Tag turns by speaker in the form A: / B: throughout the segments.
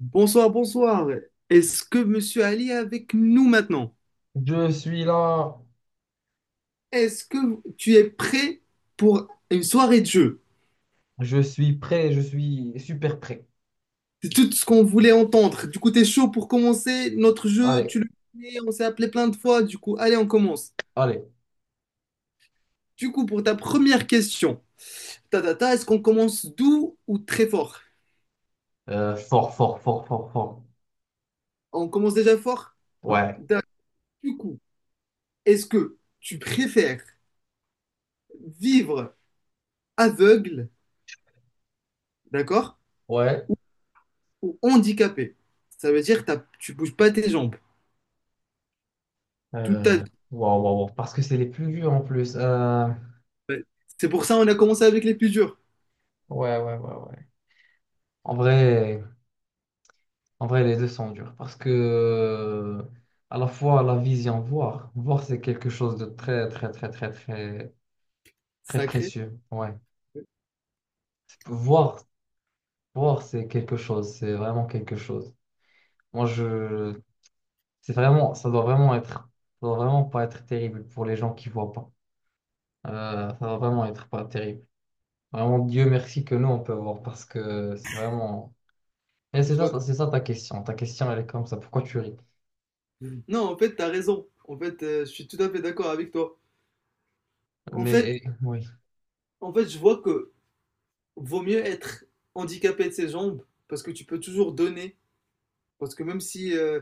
A: Bonsoir, bonsoir. Est-ce que Monsieur Ali est avec nous maintenant?
B: Je suis là,
A: Est-ce que tu es prêt pour une soirée de jeu?
B: je suis prêt, je suis super prêt.
A: C'est tout ce qu'on voulait entendre. Du coup, t'es chaud pour commencer notre jeu,
B: Allez,
A: tu le connais, on s'est appelé plein de fois. Du coup, allez, on commence.
B: allez.
A: Du coup, pour ta première question, est-ce qu'on commence doux ou très fort?
B: Fort, fort, fort, fort, fort.
A: On commence déjà fort?
B: Ouais,
A: D'accord. Du coup, est-ce que tu préfères vivre aveugle, d'accord,
B: ouais.
A: ou handicapé? Ça veut dire que tu bouges pas tes jambes. Tout à
B: Euh, wow, wow, wow. Parce que c'est les plus durs en plus.
A: fait. C'est pour ça qu'on a commencé avec les plus durs.
B: Ouais, ouais, ouais, ouais. En vrai, en vrai, les deux sont durs. Parce que à la fois la vision, voir. Voir, c'est quelque chose de très, très, très, très, très, très
A: Sacré.
B: précieux. Ouais. Voir, voir, c'est quelque chose. C'est vraiment quelque chose. Moi, je, C'est vraiment, ça doit vraiment être, ça doit vraiment pas être terrible pour les gens qui voient pas. Ça doit vraiment être pas terrible. Vraiment, Dieu merci que nous on peut voir parce que c'est vraiment. Et
A: Je vois.
B: c'est ça ta question. Ta question, elle est comme ça. Pourquoi tu ris?
A: Non, en fait, tu as raison. En fait, je suis tout à fait d'accord avec toi. En fait,
B: Mais oui.
A: en fait, je vois que vaut mieux être handicapé de ses jambes parce que tu peux toujours donner. Parce que même si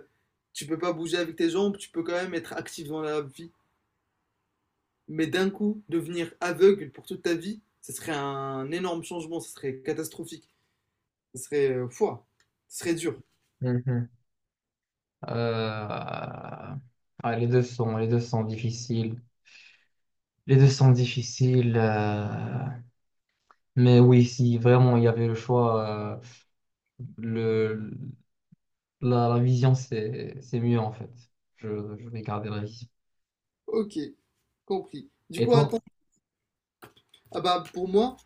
A: tu peux pas bouger avec tes jambes, tu peux quand même être actif dans la vie. Mais d'un coup, devenir aveugle pour toute ta vie, ce serait un énorme changement, ce serait catastrophique, ce serait fouah, ce serait dur.
B: Mhm. Euh, ouais, les deux sont difficiles. Les deux sont difficiles. Mais oui, si vraiment il y avait le choix, euh, le, la vision c'est mieux en fait. Je, je vais garder la vision.
A: Ok. Compris. Du
B: Et
A: coup,
B: toi?
A: attends, ah bah, pour moi,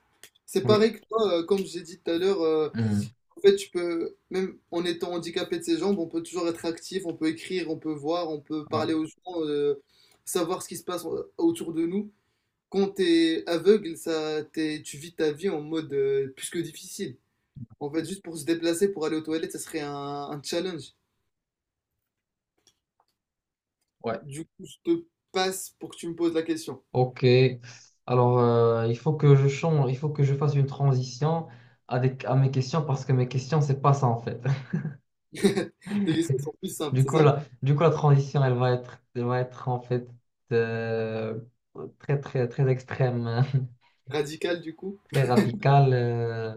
A: c'est
B: Oui.
A: pareil que toi, comme j'ai dit tout à l'heure,
B: Hmm.
A: en fait, tu peux, même en étant handicapé de ses jambes, on peut toujours être actif, on peut écrire, on peut voir, on peut
B: Ouais.
A: parler aux gens, savoir ce qui se passe autour de nous. Quand t'es aveugle, ça, tu vis ta vie en mode plus que difficile. En fait, juste pour se déplacer, pour aller aux toilettes, ça serait un challenge.
B: Ouais.
A: Du coup, je te passe pour que tu me poses la question.
B: Ok. Alors, il faut que je change, il faut que je fasse une transition à mes questions parce que mes questions, c'est pas ça en fait.
A: Tes questions sont plus simples, c'est ça?
B: Du coup, la transition, elle va être en fait euh, très, très, très extrême,
A: Radicales, du coup?
B: très radicale.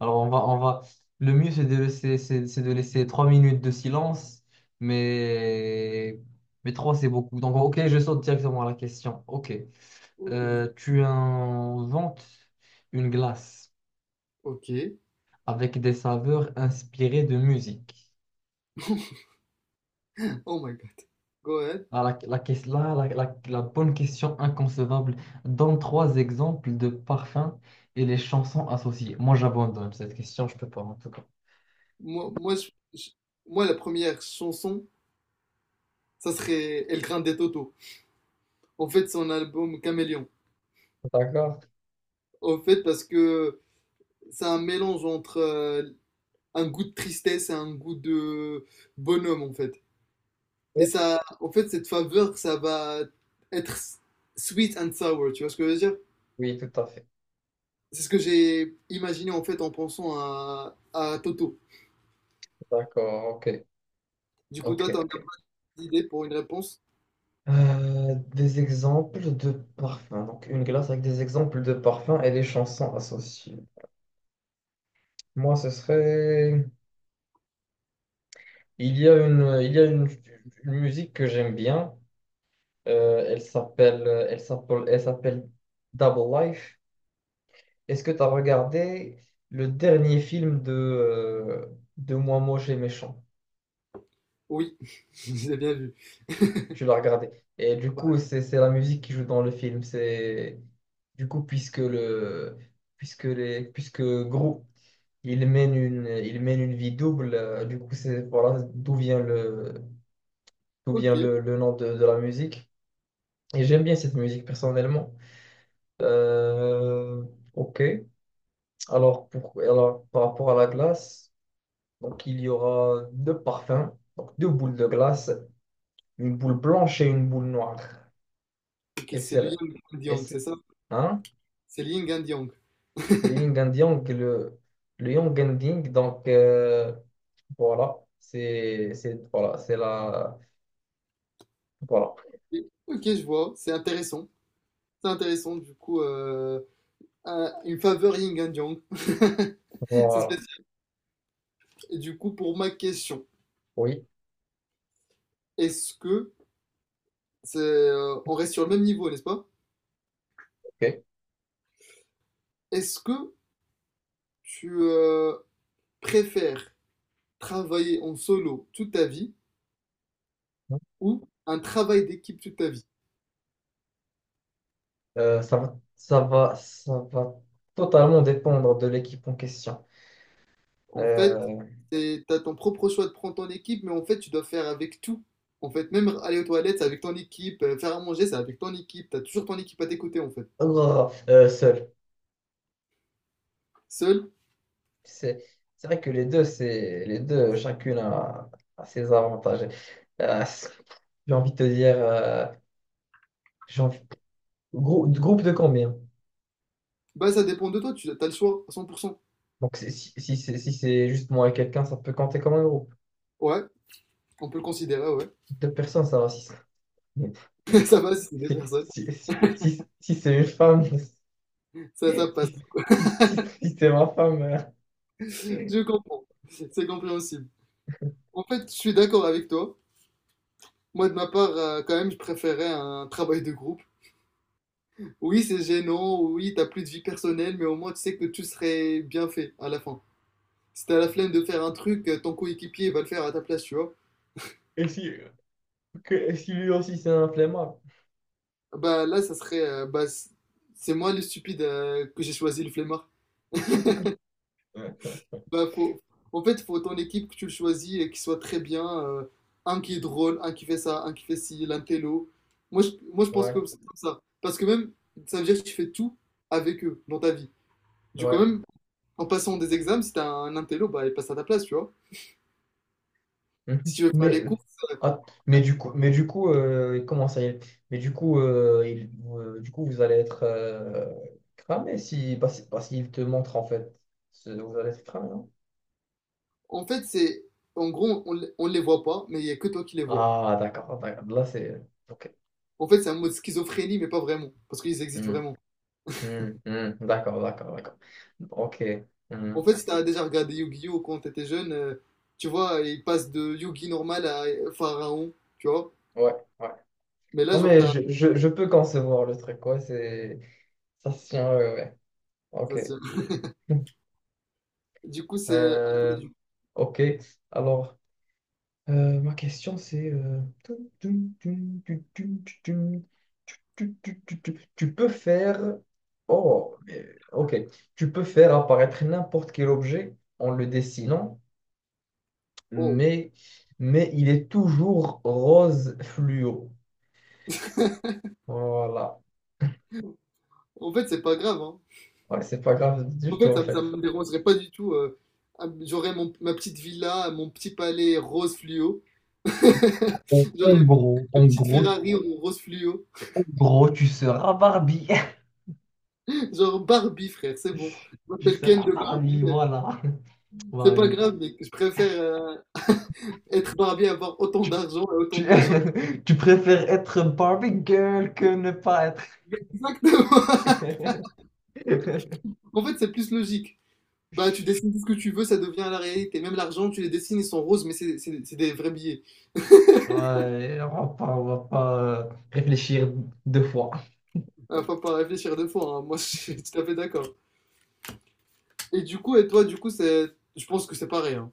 B: Alors, on va. Le mieux, c'est de laisser 3 minutes de silence, mais, mais trois, c'est beaucoup. Donc, ok, je saute directement à la question. Ok.
A: Ok, du coup.
B: Tu inventes une glace
A: Ok.
B: avec des saveurs inspirées de musique.
A: Oh my god. Go ahead.
B: Ah, la, là, la bonne question inconcevable. Donne 3 exemples de parfums et les chansons associées. Moi, j'abandonne cette question, je peux pas en tout cas.
A: Moi, moi, je- je- moi, la première chanson, ça serait El Grande Toto. En fait, son album Caméléon.
B: D'accord.
A: En fait, parce que c'est un mélange entre un goût de tristesse et un goût de bonhomme, en fait. Et ça, en fait, cette faveur, ça va être sweet and sour, tu vois ce que je veux dire?
B: Oui, tout à fait.
A: C'est ce que j'ai imaginé, en fait, en pensant à Toto.
B: D'accord, ok.
A: Du coup,
B: Ok,
A: toi, t'as
B: ok.
A: une idée pour une réponse?
B: Des exemples de parfums. Donc, une glace avec des exemples de parfums et les chansons associées. Moi, ce serait... Il y a une, il y a une musique que j'aime bien. Elle s'appelle Double Life. Est-ce que tu as regardé le dernier film de Moi Moche et Méchant?
A: Oui, j'ai bien vu.
B: Tu l'as regardé. Et du coup, c'est la musique qui joue dans le film. C'est, du coup, puisque le, puisque les, puisque Gru, il mène une vie double. Du coup, c'est, voilà d'où vient
A: Ok,
B: le nom de la musique. Et j'aime bien cette musique personnellement. Euh, ok. Alors, par rapport à la glace, donc il y aura 2 parfums, donc 2 boules de glace, une boule blanche et une boule noire.
A: ok,
B: Et
A: c'est
B: c'est
A: le
B: le-
A: Yang and
B: et
A: Yang, c'est
B: c'est
A: ça?
B: hein?
A: C'est le Yin and Yang.
B: C'est le yin and yang, le yang and yang. Donc voilà, c'est voilà, c'est la voilà,
A: Ok, je vois, c'est intéressant. C'est intéressant, du coup, une faveur Yin and Yang. C'est
B: voilà.
A: spécial. Et du coup, pour ma question,
B: Oui,
A: est-ce que, on reste sur le même niveau, n'est-ce pas?
B: ok.
A: Est-ce que tu préfères travailler en solo toute ta vie ou un travail d'équipe toute ta vie?
B: Ça va totalement dépendre de l'équipe en question.
A: En fait,
B: Euh,
A: c'est, t'as ton propre choix de prendre ton équipe, mais en fait, tu dois faire avec tout. En fait, même aller aux toilettes, c'est avec ton équipe. Faire à manger, c'est avec ton équipe. T'as toujours ton équipe à tes côtés, en fait.
B: oh, seul.
A: Seul,
B: C'est c'est vrai que les deux, c'est les deux, a ses avantages. Euh, c'est- j'ai envie de te dire, j'ai envie- groupe de combien?
A: bah, ça dépend de toi. Tu as le choix à 100%.
B: Donc c'est- si, si, c'est si c'est juste moi et quelqu'un, ça peut compter comme un groupe.
A: Ouais, on peut le considérer, ouais.
B: 2 personnes, ça va.
A: Ça passe, c'est des
B: Si,
A: personnes.
B: si, si c'est une femme,
A: Ça passe.
B: si, si c'est ma femme,
A: Je comprends. C'est compréhensible. En fait, je suis d'accord avec toi. Moi, de ma part, quand même, je préférais un travail de groupe. Oui, c'est gênant. Oui, t'as plus de vie personnelle, mais au moins, tu sais que tout serait bien fait à la fin. Si t'as la flemme de faire un truc, ton coéquipier va le faire à ta place, tu vois.
B: et si, et si lui aussi c'est un flemmard.
A: Bah là, ça serait. Bah, c'est moi le stupide que j'ai choisi le flemmard.
B: Ouais,
A: Bah, faut ton équipe que tu le choisis et qu'il soit très bien. Un qui est drôle, un qui fait ça, un qui fait ci, l'intello. Moi, je pense
B: ouais.
A: que c'est comme ça. Parce que même, ça veut dire que tu fais tout avec eux dans ta vie. Du coup,
B: Ouais.
A: même en passant des examens, si t'as un intello, bah, il passe à ta place, tu vois. Si
B: Mhm.
A: tu veux faire
B: Mais,
A: les courses, euh,
B: mais du coup Mais du coup, du coup, vous allez être cramé si, bah, si- bah, s'il te montre en fait. Vous allez être cramé, non?
A: en fait, c'est. En gros, on les voit pas, mais il y a que toi qui les vois.
B: Ah, d'accord, d'accord. Là, c'est. Ok.
A: En fait, c'est un mode schizophrénie, mais pas vraiment, parce qu'ils existent
B: Hmm,
A: vraiment.
B: hmm, hmm. D'accord, d'accord, d'accord. Ok. Hmm.
A: En fait, si t'as déjà regardé Yu-Gi-Oh! Quand t'étais jeune, tu vois, il passe de Yugi normal à Pharaon, tu vois.
B: Ouais, ouais.
A: Mais là,
B: Non,
A: genre,
B: mais
A: t'as...
B: je peux concevoir le truc, quoi. C'est... Ça se tient, ouais, ouais.
A: ça,
B: Ok.
A: c'est- Du coup, c'est...
B: Euh, ok. Alors. Ma question, c'est... tu tu peux faire... Oh, mais- ok. Tu peux faire apparaître n'importe quel objet en le dessinant,
A: Oh.
B: mais, mais il est toujours rose fluo. Voilà.
A: En fait, c'est pas grave, hein.
B: Ouais, c'est pas grave du
A: En
B: tout,
A: fait,
B: en fait.
A: ça me dérangerait pas du tout. J'aurais ma petite villa, mon petit palais rose fluo.
B: En en
A: J'aurais une
B: gros, en
A: petite
B: gros,
A: Ferrari en rose fluo.
B: en gros, tu seras Barbie.
A: Genre Barbie, frère, c'est bon. Je
B: Tu
A: m'appelle Ken
B: seras
A: de Barbie.
B: Barbie, voilà.
A: C'est pas
B: Barbie.
A: grave, mais je préfère... être barbier, avoir autant d'argent et autant
B: Tu,
A: de machin.
B: tu préfères être Barbie Girl que ne pas être.
A: Exactement. En fait, c'est plus logique. Bah, tu dessines tout ce que tu veux, ça devient la réalité. Même l'argent, tu les dessines, ils sont roses, mais c'est des vrais billets.
B: Ouais, on va pas réfléchir 2 fois.
A: Faut pas réfléchir deux fois, hein. Moi, je suis tout à fait d'accord. Et du coup, et toi, du coup, c'est, je pense que c'est pareil, hein.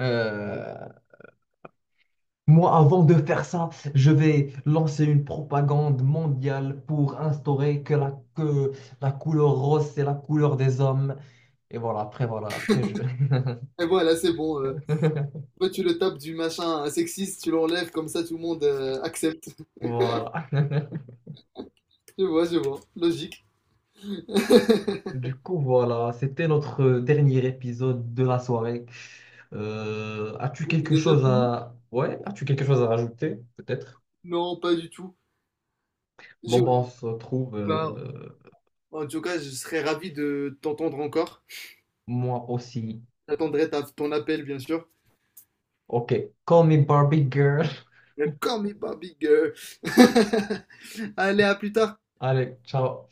B: Euh, moi, avant de faire ça, je vais lancer une propagande mondiale pour instaurer que la couleur rose, c'est la couleur des hommes. Et voilà, après, je...
A: Et voilà, c'est bon. Toi, tu le tapes du machin sexiste, tu l'enlèves, comme ça, tout le monde accepte.
B: Voilà.
A: Je vois, je vois. Logique. C'est
B: Du coup, voilà, c'était notre dernier épisode de la soirée. As-tu quelque
A: déjà
B: chose
A: fini?
B: à... Ouais, as-tu quelque chose à rajouter, peut-être?
A: Non, pas du tout.
B: Bon,
A: Je-
B: bon, on se retrouve,
A: Bah, en tout cas, je serais ravi de t'entendre encore.
B: moi aussi.
A: J'attendrai ton appel, bien sûr.
B: Ok, call me Barbie girl.
A: Mais Call me Bobby Girl. Allez, à plus tard.
B: Allez, ciao.